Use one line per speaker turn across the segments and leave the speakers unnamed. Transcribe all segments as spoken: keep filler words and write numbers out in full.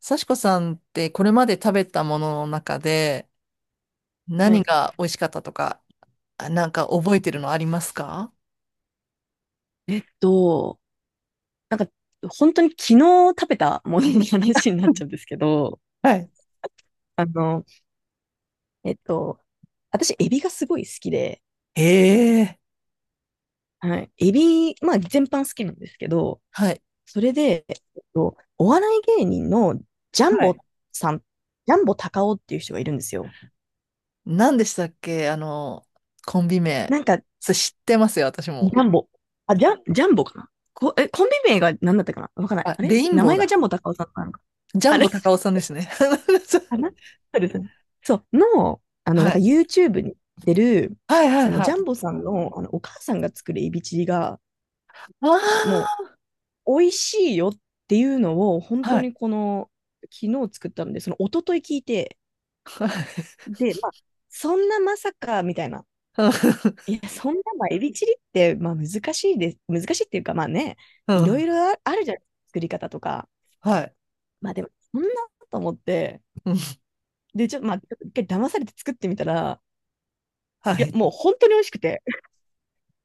幸子さんって、これまで食べたものの中で
は
何
い。
が美味しかったとか、あなんか覚えてるのありますか？
えっと、なんか、本当に昨日食べたものの話になっちゃうんですけど、
はい。
あの、えっと、私、エビがすごい好きで。
ええ。
はい。エビ、まあ、全般好きなんですけど、
はい。
それで、えっと、お笑い芸人のジャン
はい。
ボさん、ジャンボ高尾っていう人がいるんですよ。
何でしたっけ、あの、コンビ名。
なんか、ジ
それ知ってますよ、私も。
ャンボ。あ、ジャン、ジャンボかな。こ、え、コンビ名が何だったかな、わかんない。
あ、
あれ、
レイン
名
ボー
前がジ
だ。
ャンボ高尾さんなのか。
ジャ
あ
ン
れ
ボ高尾さんですね。
かな。そうですね。そう、の、あの、な
は
んか
い。
YouTube に出る、
はいはい
その
は
ジャン
い。
ボさんの、あのお母さんが作るエビチリが、も
あ
う、美味しいよっていうのを、本
あ、
当
はい。
にこの、昨日作ったので、その一昨日聞いて、
はい。
で、まあ、そんなまさか、みたいな。い
う
や、そんな、まあ、エビチリって、まあ、難しいです。難しいっていうか、まあね、いろい
ん、
ろああるじゃない、作り方とか。
はい。
まあ、でも、そんなと思って、
うん、
で、ちょっと、まあ、ちょっと一回騙されて作ってみたら、
は
いや、
い。
もう本当に美味しくて、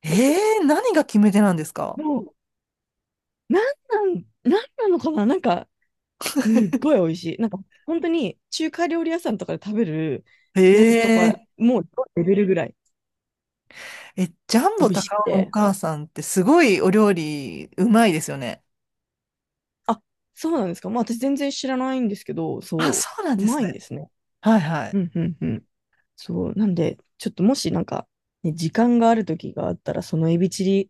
ええ、何が決め手なんですか？
もう、なんなん、なんなのかな、なんか、すっごい美 味しい。なんか、本当に中華料理屋さんとかで食べるやつと
え。
か、
え
もうレベルぐらい
え、ジャン
美
ボ
味し
高
く
尾のお
て。
母さんってすごいお料理うまいですよね。
あ、そうなんですか。まあ、私全然知らないんですけど、
あ、
そ
そうなん
う、う
で
ま
す
いん
ね。
ですね。
はいはい。
うん、うん、うん。そう、なんで、ちょっと、もしなんか、ね、時間がある時があったら、そのエビチリ、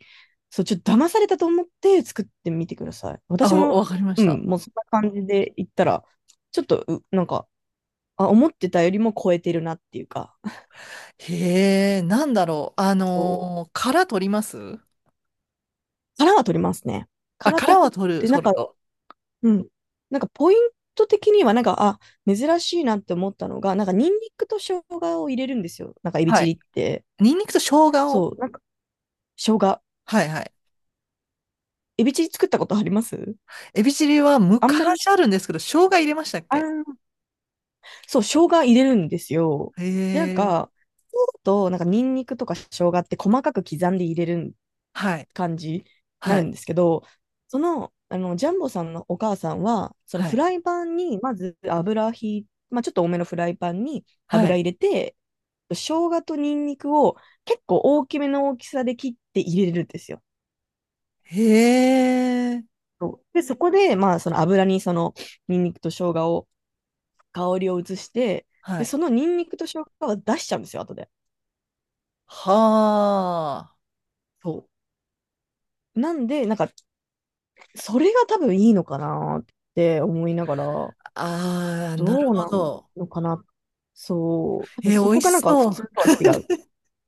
そう、ちょっと騙されたと思って作ってみてください。
あ、
私
お
も、
わかりまし
う
た。
ん、もうそんな感じで言ったら、ちょっと、うなんか、あ、思ってたよりも超えてるなっていうか、あ
へえ、なんだろう。あ
と
のー殻取ります？
殻は取りますね。
あ、
殻取
殻
っ
は取る、
て、なん
取
か、
ると。
うん。なんかポイント的には、なんか、あ、珍しいなって思ったのが、なんかニンニクと生姜を入れるんですよ、なんかエビ
は
チリ
い。
って。
ニンニクと生姜を。
そう、なんか生姜。
はいはい。
エビチリ作ったことあります？
エビチリは
あんまり、
昔あるんですけど、生姜入れましたっ
あー
け？
そう、生姜入れるんですよ。
へ
で、なん
え。
か、そうだと、なんかニンニクとか生姜って細かく刻んで入れるん
はい、
感じにな
は
るん
い、
ですけど、その、あのジャンボさんのお母さんは、その
は
フ
い、
ライパンにまず油ひい、まあ、ちょっと多めのフライパンに
は
油
い。
入れて、生姜とニンニクを結構大きめの大きさで切って入れるんですよ。
へえ、
そうで、そこで、まあ、その油にそのニンニクと生姜を、香りを移して、
は
で、
い。
そのニンニクと生姜は出しちゃうんですよ、後で。
はあ。
そう。なんで、なんか、それが多分いいのかなって思いながら、
ああ、なる
どうな
ほ
ん
ど。
のかな。そう。多分
え
そ
ー、美
こ
味
がなん
し
か普
そ
通
う。
とは違う。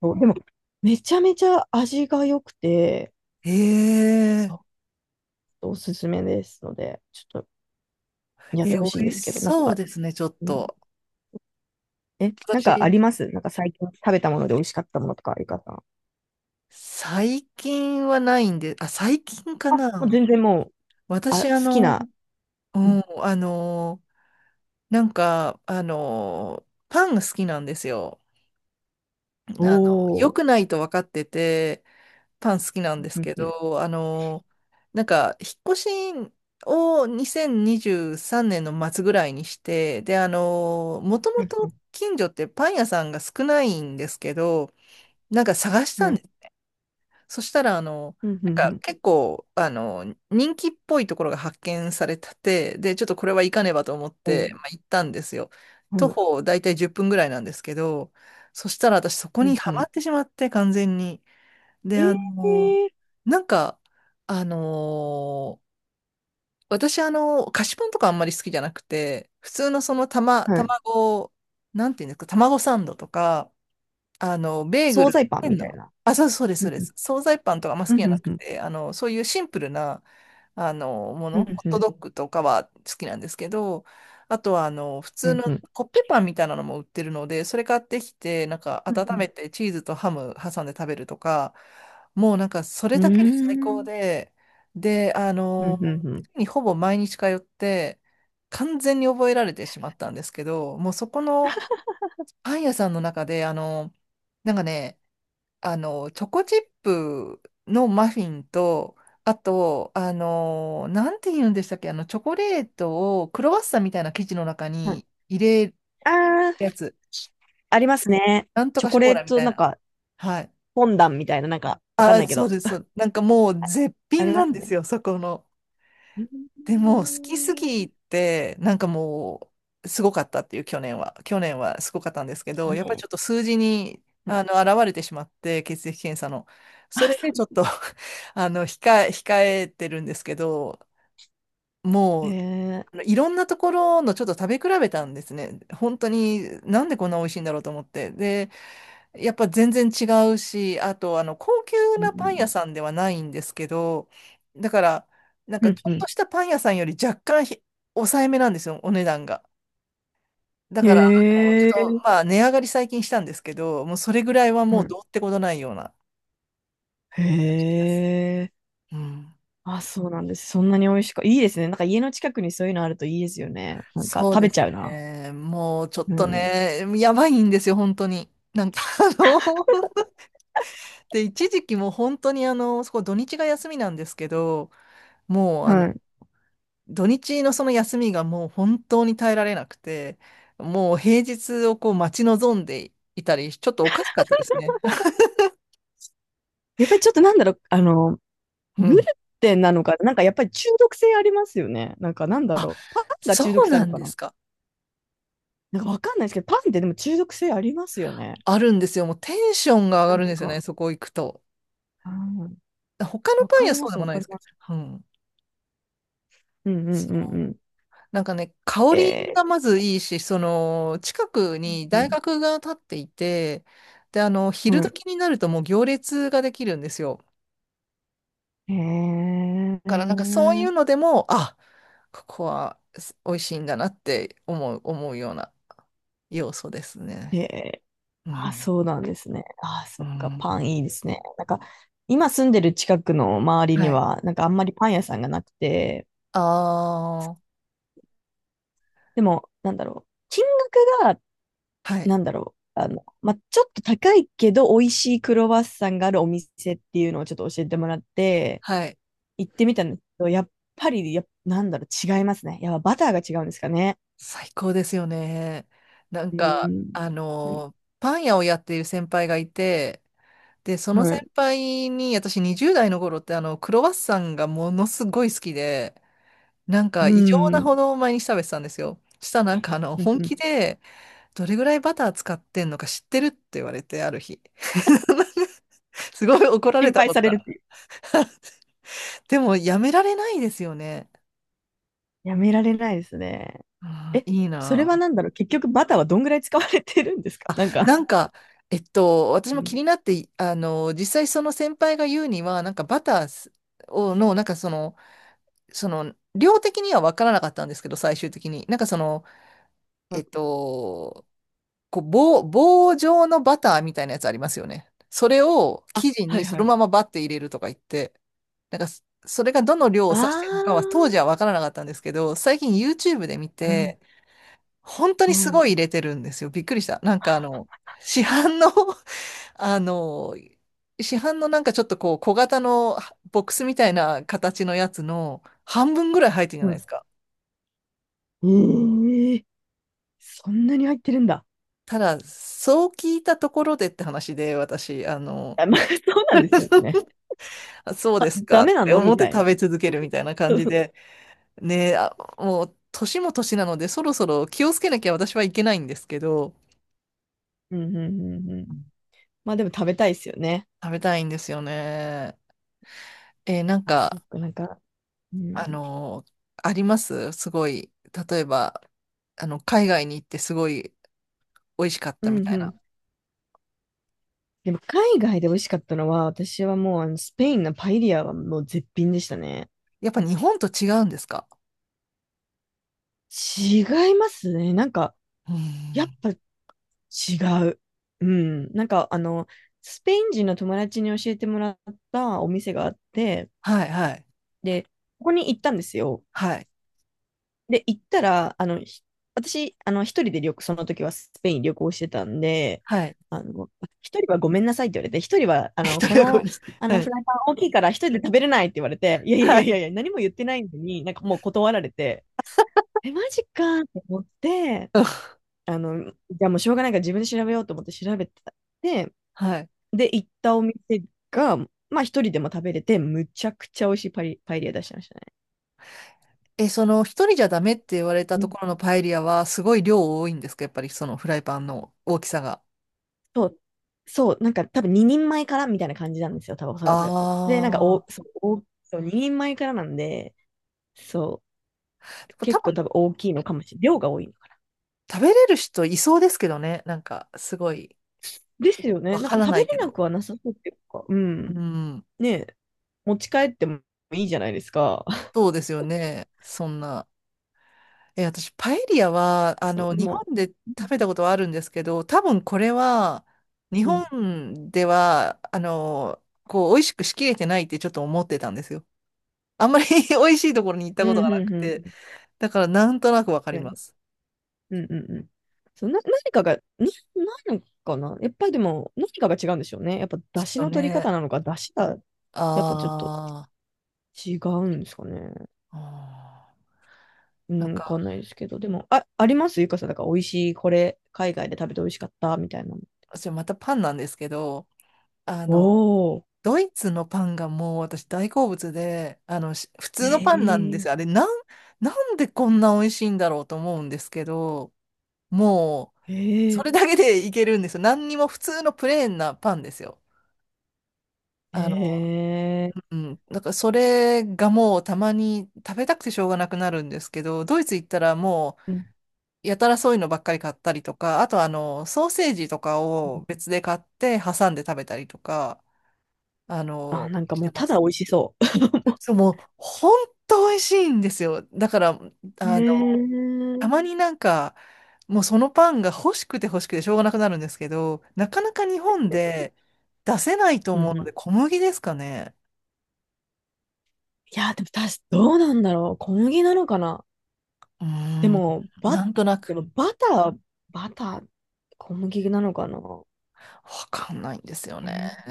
そうでも、めちゃめちゃ味が良くて、
え。え
そう、おすすめですので、ちょっとやっ
え、
てほしいん
美
で
味
す
し
けど、なん
そう
か、
ですね、ちょっ
うん、
と。
え、なんかあ
私、
ります？なんか最近食べたもので美味しかったものとか、ゆかさん。
最近はないんで、あ、最近か
あ、もう
な。
全然もう、あ、好
私、あ
き
の、
な。
う
うん、
ん、あの、なんか、あの、パンが好きなんですよ。
お
あの、良
お。
くないと分かってて、パン好きなんです
うん、
け
うん。
ど、あの、なんか、引っ越しをにせんにじゅうさんねんの末ぐらいにして、で、あの、もともと近所ってパン屋さんが少ないんですけど、なんか探した
は
んで
い。
す。そしたら、あの、
うん、う
な
ん、う
んか
ん。
結構、あの、人気っぽいところが発見されてて、で、ちょっとこれは行かねばと思っ
お
て、
ー、
まあ、行ったんですよ。徒
はい。
歩大体じゅっぷんぐらいなんですけど、そしたら私そこ
う
に
ん、
は
う
まっ
ん。
てしまって、完全に。で、
え
あの、
えー、
なんか、あの、私、あの、菓子パンとかあんまり好きじゃなくて、普通のそのたま、
はい。
卵、なんていうんですか、卵サンドとか、あの、ベーグ
惣
ル、
菜パ
ペ
ンみ
ン
たい
の、
な。
あ、そうそうです、
う
そう
ん、
で
うん。
す。惣菜パンとかあんま好
う
きじ
ん、
ゃ
う
な
ん、
く
うん。
て、あの、そういうシンプルな、あの、も
う
の、ホ
ん、
ッ
う
ト
ん、
ドッグとかは好きなんですけど、あとは、あの、普
う
通
ん、
の
うん。
コッペパンみたいなのも売ってるので、それ買ってきて、なんか
うん、
温
うん。
めてチーズとハム挟んで食べるとか、もうなんかそれ
うー
だけで最高
ん、
で、で、あ
う
の、
ん、うん。うん。
月にほぼ毎日通って、完全に覚えられてしまったんですけど、もうそこの、パン屋さんの中で、あの、なんかね、あの、チョコチップのマフィンと、あと、あの、なんて言うんでしたっけ、あの、チョコレートをクロワッサンみたいな生地の中
はい。
に入れる
あ
や
あ、
つ、
ありますね。
なんと
チョ
か
コ
ショ
レ
コ
ー
ラみ
ト、
たい
なん
な。
か、
はい。
フォンダンみたいな、なんか、わかん
あ、
ないけ
そう
ど、
です。そう、なんかもう絶
あり
品
ま
なん
す
で
ね。
すよ、そこの。
う
でも、好きす
ん。
ぎて、なんかもう、すごかったっていう、去年は。去年はすごかったんですけど、やっぱりち
ね、
ょっと数字に、
うん。
あの、現れてしまって、血液検査の。
あ、
それ
そ
で
う
ち
だ。
ょっと あの、控え、控えてるんですけど、
へ
もう、あ
え。
のいろんなところのちょっと食べ比べたんですね。本当に、なんでこんな美味しいんだろうと思って。で、やっぱ全然違うし、あと、あの、高級
う
なパン屋
ん。
さんではないんですけど、だから、なん
う
かち
ん、
ょ
う
っと
ん。
したパン屋さんより若干ひ抑えめなんですよ、お値段が。だから、あの、ち
へ
ょっ
え。
と、まあ、値上がり最近したんですけど、もうそれぐらいは
う
もう
ん。
どうってことないような感じ
へ
です。
え。
うん。
あ、そうなんです。そんなに美味しくいいですね。なんか家の近くにそういうのあるといいですよね。なんか
そう
食
で
べち
す
ゃうな。
ね。もうちょっ
う
とね、
ん。
やばいんですよ、本当に。なんか、あの、で、一時期もう本当にあの、そこ土日が休みなんですけど、もうあ
は
の、
い。
土日のその休みがもう本当に耐えられなくて、もう平日をこう待ち望んでいたり、ちょっとおかしかったですね。
やっぱりちょっとなんだろう、あの
う
グル
ん。
テンなのか、なんかやっぱり中毒性ありますよね。なんか、なんだ
あ、
ろう。パンが中
そ
毒
う
性ある
な
の
ん
か
で
な？
すか。
なんかわかんないですけど、パンってでも中毒性ありますよね。
あるんですよ。もうテンションが上
な
が
ん
るんですよね、
か、
そこ行くと。
うん、
他の
わ
パン
か
屋
り
そ
ま
うで
す、わ
もない
か
で
り
すけ
ます。
ど。うん。
うん、うん、うん、う
そう、
ん。
なんかね、香
え
りが
ー、
まずいいし、その、近くに
う
大
ん、
学が建っていて、で、あの、
う
昼
ん。
時になるともう行列ができるんですよ。
へえ、
だからなんかそういうのでも、あ、ここはす美味しいんだなって思う、思うような要素ですね。
へ、
う
あ、
ん。
そうなんですね。あ、
う
そっか、パン
ん。
いいですね。なんか、今住んでる近くの周り
は
に
い。
は、なんかあんまりパン屋さんがなくて、
ああ、
でも、なんだろう。金額、
はい。
なんだろう、あの、まあ、ちょっと高いけど美味しいクロワッサンがあるお店っていうのをちょっと教えてもらって、
はい。
行ってみたんですけど、やっぱり、や、なんだろう、違いますね。やっぱバターが違うんですかね。
最高ですよね。なん
う
か、
ん。
あの、パン屋をやっている先輩がいて、で、その
は
先
い。
輩に、私にじゅう代の頃って、あの、クロワッサンがものすごい好きで、なんか
う
異常な
ん。
ほど毎日食べてたんですよ。したらなんか、あの、
うん、
本
う
気
ん。
で、どれぐらいバター使ってんのか知ってるって言われて、ある日。すごい怒られ
心
た
配
こ
さ
と
れ
が。
るっていう。
でも、やめられないですよね。
やめられないですね。
あ
え、
ーいい
それは
な
なんだろう、結局バターはどんぐらい使われてるんですか、
あ。
なんか。
なんか、えっと、私
う
も
ん。
気になって、あの、実際その先輩が言うには、なんかバターをの、なんかその、その、量的には分からなかったんですけど、最終的に。なんかその、
う
え
ん、
っと、こう棒、棒状のバターみたいなやつありますよね。それを
あ、
生地
は
に
い
そ
は
の
い。
ままバッて入れるとか言って、なんかそ、それがどの量を指してるのか
あ
は当時は分からなかったんですけど、最近 YouTube で見
あ。うん。
て、本当にす
う
ごい入れてるんですよ。びっくりした。なんかあの、市販の あの、市販のなんかちょっとこう小型のボックスみたいな形のやつの半分ぐらい入ってるじゃないで
ん。
すか。
うん。ええ、そんなに入ってるんだ。
ただ、そう聞いたところでって話で、私、あの、
あ、まあ、そうなんですよね。
あそうです
ダ
か
メ
っ
な
て
の
思
み
って
たいな。
食べ続けるみたいな 感
そう、
じ
そう、
で、ね、あ、もう年も年なのでそろそろ気をつけなきゃ私はいけないんですけど、
うん、うん、うん、うん。まあでも食べたいですよね。
食べたいんですよね。えーなん
あ、そっ
か、
か、なんか、う
あ
ん、
のーありますすごい、例えば、あの、海外に行ってすごい美味しかっ
う
たみ
ん、
た
う
いな。
ん。でも海外で美味しかったのは、私はもうあのスペインのパエリアはもう絶品でしたね。
やっぱ日本と違うんですか？
違いますね。なんか、
う
やっ
ん。
ぱ違う。うん。なんか、あの、スペイン人の友達に教えてもらったお店があって、
はい、はい、
で、ここに行ったんですよ。
はい、
で、行ったら、あの、ひ私、あの、一人で旅行、その時はスペイン旅行してたんで、
はい。
あの、一人はごめんなさいって言われて、一人は、あの、
一
こ
人はごめん
の、
なさい。
あの、
は
フ
い、
ライパン大きいから一人で食べれないって言われて、いやいやい
は
やいやい
い。
や、何も言ってないのに、なんかもう断られて、え、マジかって思って、
うん、
あの、じゃあもうしょうがないから自分で調べようと思って調べてた。で、
はい。
で、行ったお店が、まあ一人でも食べれて、むちゃくちゃ美味しいパリ、パエリア出してましたね。
え、その、一人じゃダメって言われたところのパエリアは、すごい量多いんですか、やっぱりそのフライパンの大きさが？
そう、そう、なんか多分ににんまえからみたいな感じなんですよ、多分おそ
あ
らく。で、なんか、お、
あ、
そう、お、そう、ににんまえからなんで、そう、
多
結構
分
多分大きいのかもしれない。量が多いのかな。
食べれる人いそうですけどね。なんか、すごい、
ですよね。
わ
なん
か
か
ら
食
な
べ
い
れ
け
なく
ど。
はなさそうっていうか、うん。
うん、
ねえ、持ち帰ってもいいじゃないですか。
そうですよね。そんな。え、私、パエリアは、あ
そう、
の、
で
日
も、
本で
うん、
食べたことはあるんですけど、多分これは、日
うん、
本では、あの、こう、美味しくしきれてないってちょっと思ってたんですよ。あんまり 美味しいところに行った
う
ことが
ん、
な
う
く
ん、う
て。
ん、
だからなんとなくわかり
なる
ま
ほど、
す。
うん、うん、うん。そう、な、何かが、な、ないのかな。やっぱりでも、何かが違うんでしょうね。やっぱ、
ち
出
ょっ
汁
と
の取り
ね、
方なのか、出汁が、
あ
やっぱちょっと
ー
違うんですかね。
あ
う
ー、なん
ん、わか
か、
んないですけど、でも、あ、ありますゆかさん、だから美味しい、これ、海外で食べて美味しかった、みたいなの。
私またパンなんですけど、あの、
おー、
ドイツのパンがもう私大好物で、あの、し普通
え
のパンなんで
え、
すよ。あれ、なん、なんでこんな美味しいんだろうと思うんですけど、もう、そ
え
れ
え、
だけでいけるんですよ。何にも普通のプレーンなパンですよ。あの、
ええ、
うん、だからそれがもうたまに食べたくてしょうがなくなるんですけど、ドイツ行ったらも
うん、
う、やたらそういうのばっかり買ったりとか、あとあの、ソーセージとか
うん、
を別で買って挟んで食べたりとか、あ
あ、
の、
なんか
し
も
て
う、
ま
ただ
す。
美味しそう。
そう、もう、ほんと美味しいんですよ。だから、
え
あの、た
え、
まになんか、もうそのパンが欲しくて欲しくてしょうがなくなるんですけど、なかなか日本で出せないと
う
思う
ん、う
ので、
ん。
小麦ですかね？
いや、でも、たし、どうなんだろう。小麦なのかな。
うー
で
ん、
も、バ、
なんとな
で
く、
も、バター、バター、小麦なのかな。
わかんないんですよね。
ええ、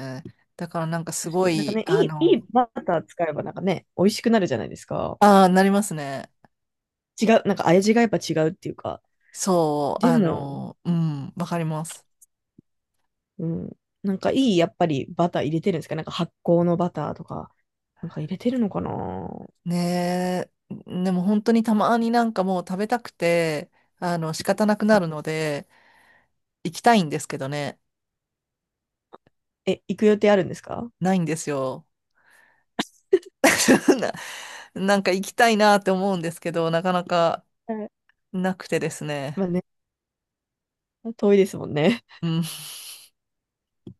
だからなんかす
確か
ご
に。なんか
い、
ね、
あ
いい、い
の、
いバター使えば、なんかね、美味しくなるじゃないですか。
ああ、なりますね。
違う、なんか味がやっぱ違うっていうか。
そう、
で
あ
も、
の、うん、わかります。
うん、なんかいい、やっぱりバター入れてるんですか？なんか発酵のバターとか、なんか入れてるのかな？
ねえ、でも本当にたまになんかもう食べたくて、あの、仕方なく
う
な
ん、
るので、行きたいんですけどね、
え、行く予定あるんですか？
ないんですよ。な、なんか行きたいなって思うんですけど、なかなか
はい、
なくてですね。
まあね、遠いですもんね。
うん。